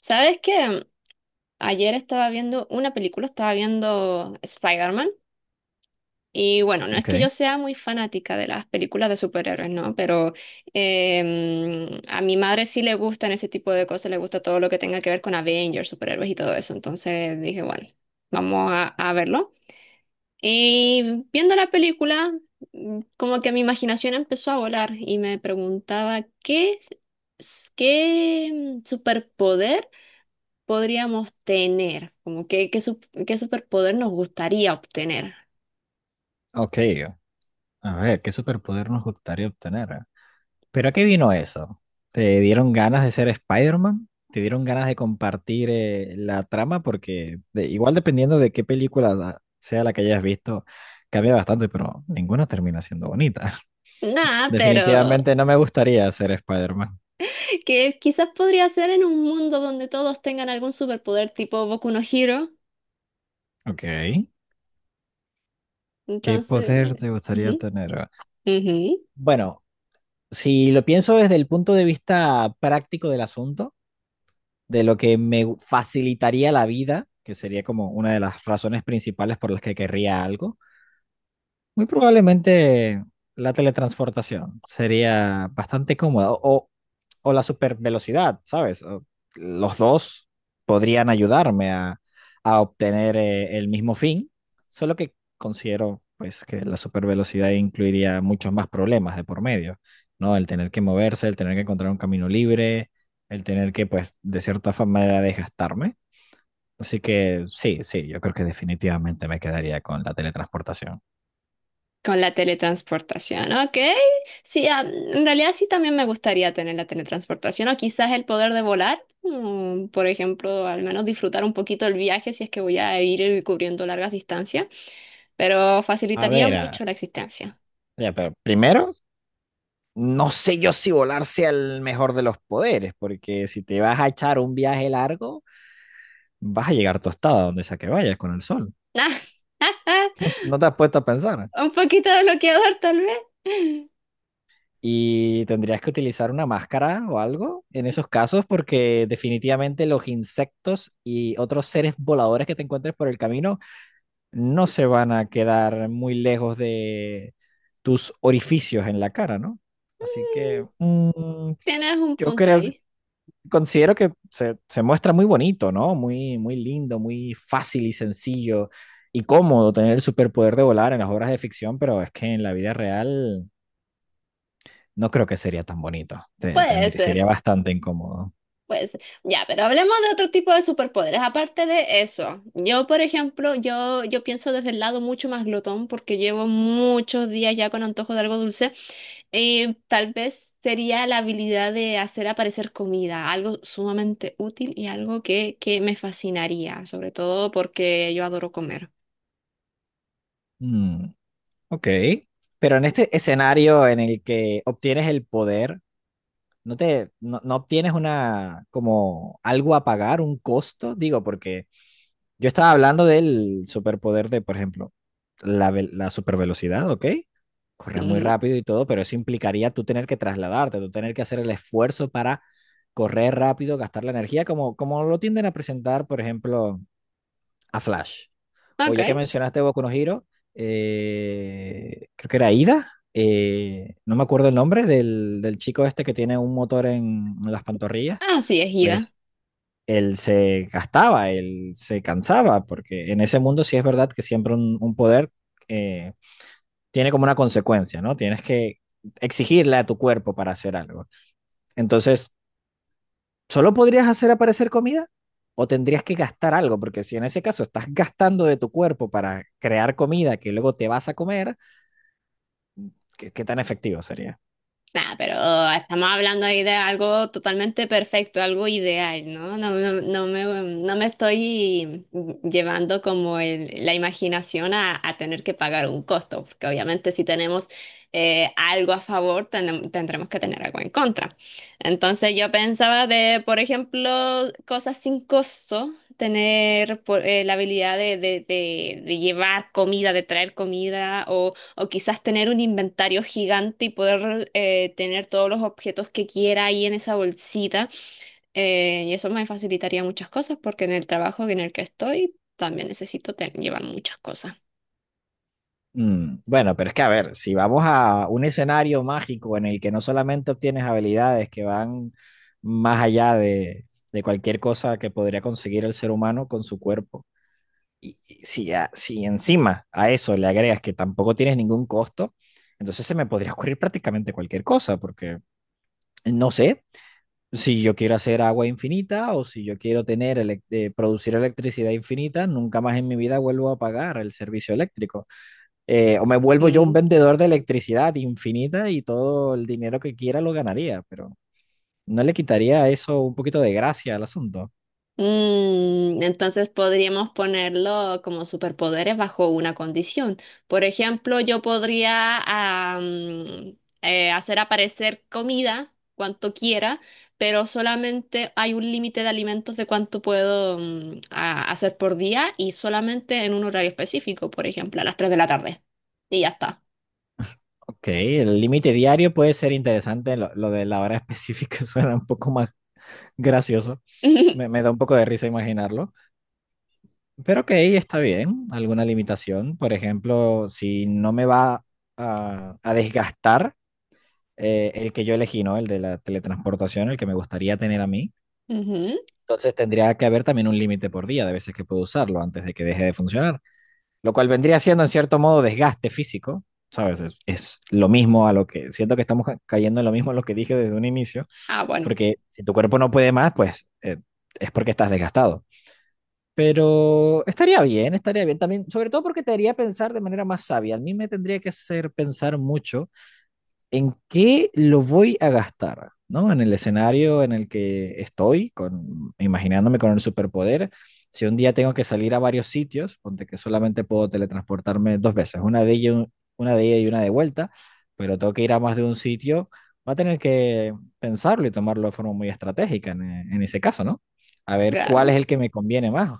¿Sabes qué? Ayer estaba viendo una película, estaba viendo Spider-Man. Y bueno, no es que Ok, yo sea muy fanática de las películas de superhéroes, ¿no? Pero a mi madre sí le gustan ese tipo de cosas, le gusta todo lo que tenga que ver con Avengers, superhéroes y todo eso. Entonces dije, bueno, vamos a verlo. Y viendo la película, como que mi imaginación empezó a volar y me preguntaba qué superpoder podríamos tener, como que, qué superpoder nos gustaría obtener. ok. A ver, ¿qué superpoder nos gustaría obtener? ¿Pero a qué vino eso? ¿Te dieron ganas de ser Spider-Man? ¿Te dieron ganas de compartir la trama? Porque igual dependiendo de qué película sea la que hayas visto, cambia bastante, pero ninguna termina siendo bonita. Nada, pero Definitivamente no me gustaría ser Spider-Man. que quizás podría ser en un mundo donde todos tengan algún superpoder tipo Boku no Hero. Ok. ¿Qué Entonces, poder te gustaría ujú, tener? ujú. Bueno, si lo pienso desde el punto de vista práctico del asunto, de lo que me facilitaría la vida, que sería como una de las razones principales por las que querría algo, muy probablemente la teletransportación sería bastante cómoda o la supervelocidad, ¿sabes? Los dos podrían ayudarme a obtener el mismo fin, solo que considero pues que la supervelocidad incluiría muchos más problemas de por medio, ¿no? El tener que moverse, el tener que encontrar un camino libre, el tener que pues de cierta manera desgastarme. Así que sí, sí, yo creo que definitivamente me quedaría con la teletransportación. Con la teletransportación, ok. Sí, en realidad sí también me gustaría tener la teletransportación o quizás el poder de volar, por ejemplo, al menos disfrutar un poquito el viaje si es que voy a ir cubriendo largas distancias, pero A facilitaría ver, mucho la existencia. ya, pero primero, no sé yo si volar sea el mejor de los poderes, porque si te vas a echar un viaje largo, vas a llegar tostada donde sea que vayas con el sol. No te has puesto a pensar. Un poquito bloqueador tal vez. Y tendrías que utilizar una máscara o algo en esos casos, porque definitivamente los insectos y otros seres voladores que te encuentres por el camino no se van a quedar muy lejos de tus orificios en la cara, ¿no? Así que mm, Tienes un yo punto creo ahí. considero que se muestra muy bonito, ¿no? Muy, muy lindo, muy fácil y sencillo y cómodo tener el superpoder de volar en las obras de ficción, pero es que en la vida real no creo que sería tan bonito. Puede ser. Sería bastante incómodo. Pues ya, pero hablemos de otro tipo de superpoderes. Aparte de eso, yo, por ejemplo, yo pienso desde el lado mucho más glotón porque llevo muchos días ya con antojo de algo dulce. Tal vez sería la habilidad de hacer aparecer comida, algo sumamente útil y algo que me fascinaría, sobre todo porque yo adoro comer. Mm, ok. Pero en este escenario en el que obtienes el poder, ¿no te, no, no obtienes una, como algo a pagar, un costo? Digo, porque yo estaba hablando del superpoder de, por ejemplo, la supervelocidad, ¿ok? Corres muy Ujú. rápido y todo, pero eso implicaría tú tener que trasladarte, tú tener que hacer el esfuerzo para correr rápido, gastar la energía, como, como lo tienden a presentar, por ejemplo, a Flash. O ya que Ok. mencionaste Boku no Hero, creo que era Ida, no me acuerdo el nombre del, del chico este que tiene un motor en las pantorrillas. Así es, Ida. Pues él se gastaba, él se cansaba, porque en ese mundo sí es verdad que siempre un poder eh, tiene como una consecuencia, ¿no? Tienes que exigirle a tu cuerpo para hacer algo. Entonces, ¿solo podrías hacer aparecer comida? ¿O tendrías que gastar algo? Porque si en ese caso estás gastando de tu cuerpo para crear comida que luego te vas a comer, ¿qué, qué tan efectivo sería? Nada, pero estamos hablando ahí de algo totalmente perfecto, algo ideal, ¿no? No, no, no me estoy llevando como la imaginación a tener que pagar un costo, porque obviamente si tenemos algo a favor, tendremos que tener algo en contra. Entonces yo pensaba de, por ejemplo, cosas sin costo, tener la habilidad de llevar comida, de traer comida o quizás tener un inventario gigante y poder tener todos los objetos que quiera ahí en esa bolsita. Y eso me facilitaría muchas cosas porque en el trabajo en el que estoy también necesito llevar muchas cosas. Mm, bueno, pero es que a ver, si vamos a un escenario mágico en el que no solamente obtienes habilidades que van más allá de cualquier cosa que podría conseguir el ser humano con su cuerpo, y si, si encima a eso le agregas que tampoco tienes ningún costo, entonces se me podría ocurrir prácticamente cualquier cosa, porque no sé si yo quiero hacer agua infinita o si yo quiero tener producir electricidad infinita, nunca más en mi vida vuelvo a pagar el servicio eléctrico o me vuelvo yo un Mm. vendedor de electricidad infinita y todo el dinero que quiera lo ganaría, pero no le quitaría eso un poquito de gracia al asunto. Entonces podríamos ponerlo como superpoderes bajo una condición. Por ejemplo, yo podría hacer aparecer comida cuanto quiera, pero solamente hay un límite de alimentos de cuánto puedo hacer por día y solamente en un horario específico, por ejemplo, a las 3 de la tarde. Y ya está. Ok, el límite diario puede ser interesante, lo de la hora específica suena un poco más gracioso, me da un poco de risa imaginarlo, pero ok, está bien, alguna limitación, por ejemplo, si no me va a desgastar el que yo elegí, ¿no? El de la teletransportación, el que me gustaría tener a mí. Ujú. Entonces tendría que haber también un límite por día de veces que puedo usarlo antes de que deje de funcionar, lo cual vendría siendo en cierto modo desgaste físico, ¿sabes? Es lo mismo a lo que, siento que estamos cayendo en lo mismo a lo que dije desde un inicio, Ah, bueno, porque si tu cuerpo no puede más, pues es porque estás desgastado. Pero estaría bien también, sobre todo porque te haría pensar de manera más sabia. A mí me tendría que hacer pensar mucho en qué lo voy a gastar, ¿no? En el escenario en el que estoy, con, imaginándome con el superpoder. Si un día tengo que salir a varios sitios, ponte que solamente puedo teletransportarme dos veces, una de ida y una de vuelta, pero tengo que ir a más de un sitio, va a tener que pensarlo y tomarlo de forma muy estratégica en ese caso, ¿no? A ver cuál claro. es el que me conviene más.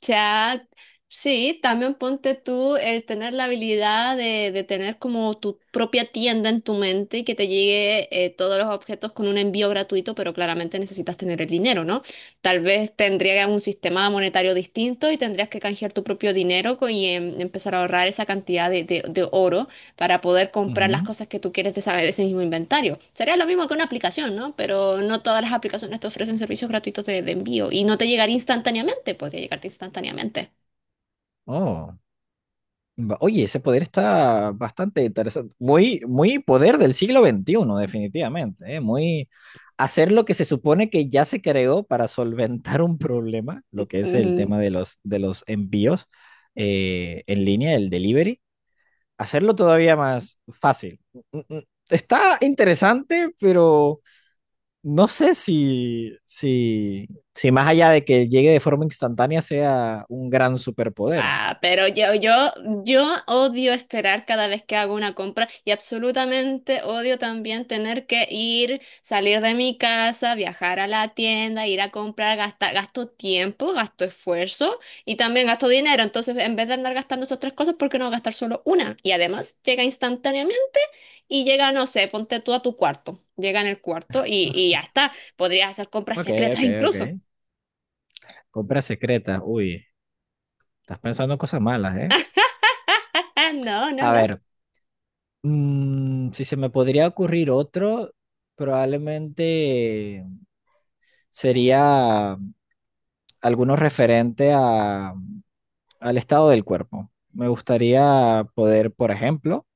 Sea, sí, también ponte tú el tener la habilidad de tener como tu propia tienda en tu mente y que te llegue todos los objetos con un envío gratuito, pero claramente necesitas tener el dinero, ¿no? Tal vez tendrías un sistema monetario distinto y tendrías que canjear tu propio dinero y empezar a ahorrar esa cantidad de oro para poder comprar las Ujú. cosas que tú quieres de saber ese mismo inventario. Sería lo mismo que una aplicación, ¿no? Pero no todas las aplicaciones te ofrecen servicios gratuitos de envío y no te llegaría instantáneamente, podría llegarte instantáneamente. Oh. Oye, ese poder está bastante interesante. Muy, muy poder del siglo XXI, definitivamente, ¿eh? Muy hacer lo que se supone que ya se creó para solventar un problema, lo que es el tema de los envíos en línea, el delivery, hacerlo todavía más fácil. Mm, mm, está interesante, pero no sé si más allá de que llegue de forma instantánea sea un gran superpoder. Ah, pero yo odio esperar cada vez que hago una compra y absolutamente odio también tener que ir, salir de mi casa, viajar a la tienda, ir a comprar, gastar, gasto tiempo, gasto esfuerzo y también gasto dinero. Entonces, en vez de andar gastando esas tres cosas, ¿por qué no gastar solo una? Y además llega instantáneamente y llega, no sé, ponte tú a tu cuarto. Llega en el cuarto y ya está. Podrías hacer compras Ok, secretas ok, incluso. ok. Compras secretas, uy, estás pensando cosas malas, ¿eh? Ah, no, no, A no. ver, mm, si se me podría ocurrir otro, probablemente sería alguno referente a, al estado del cuerpo. Me gustaría poder, por ejemplo,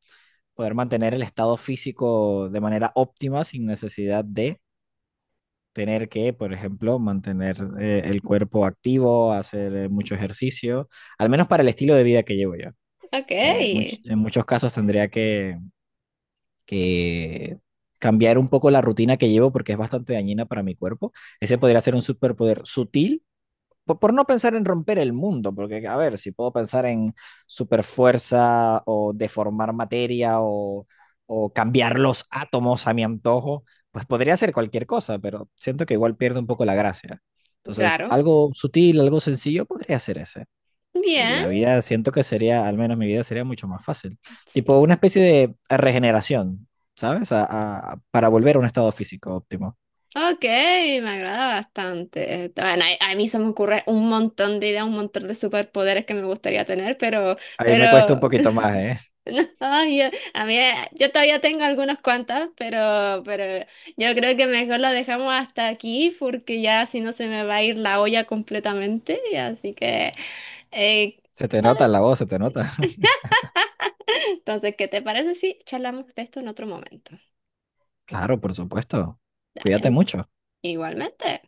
poder mantener el estado físico de manera óptima sin necesidad de tener que, por ejemplo, mantener el cuerpo activo, hacer mucho ejercicio, al menos para el estilo de vida que llevo yo, Ok. que en muchos casos tendría que cambiar un poco la rutina que llevo porque es bastante dañina para mi cuerpo. Ese podría ser un superpoder sutil, por no pensar en romper el mundo, porque a ver, si puedo pensar en superfuerza o deformar materia o cambiar los átomos a mi antojo, pues podría ser cualquier cosa, pero siento que igual pierde un poco la gracia. Entonces, Claro. algo sutil, algo sencillo, podría ser ese. Y Bien. la vida, siento que sería, al menos mi vida sería mucho más fácil. Sí. Tipo una especie de regeneración, ¿sabes? Para volver a un estado físico óptimo. Ok, me agrada bastante. Bueno, a mí se me ocurre un montón de ideas, un montón de superpoderes que me gustaría tener, pero, Ahí me cuesta un pero poquito más, ¿eh? No, yo, a mí, yo todavía tengo algunas cuantas, pero yo creo que mejor lo dejamos hasta aquí porque ya si no se me va a ir la olla completamente. Así que, eh, Se te nota en la voz, se te nota. entonces, ¿qué te parece si charlamos de esto en otro momento? Claro, por supuesto. Cuídate Dale, mucho. igualmente.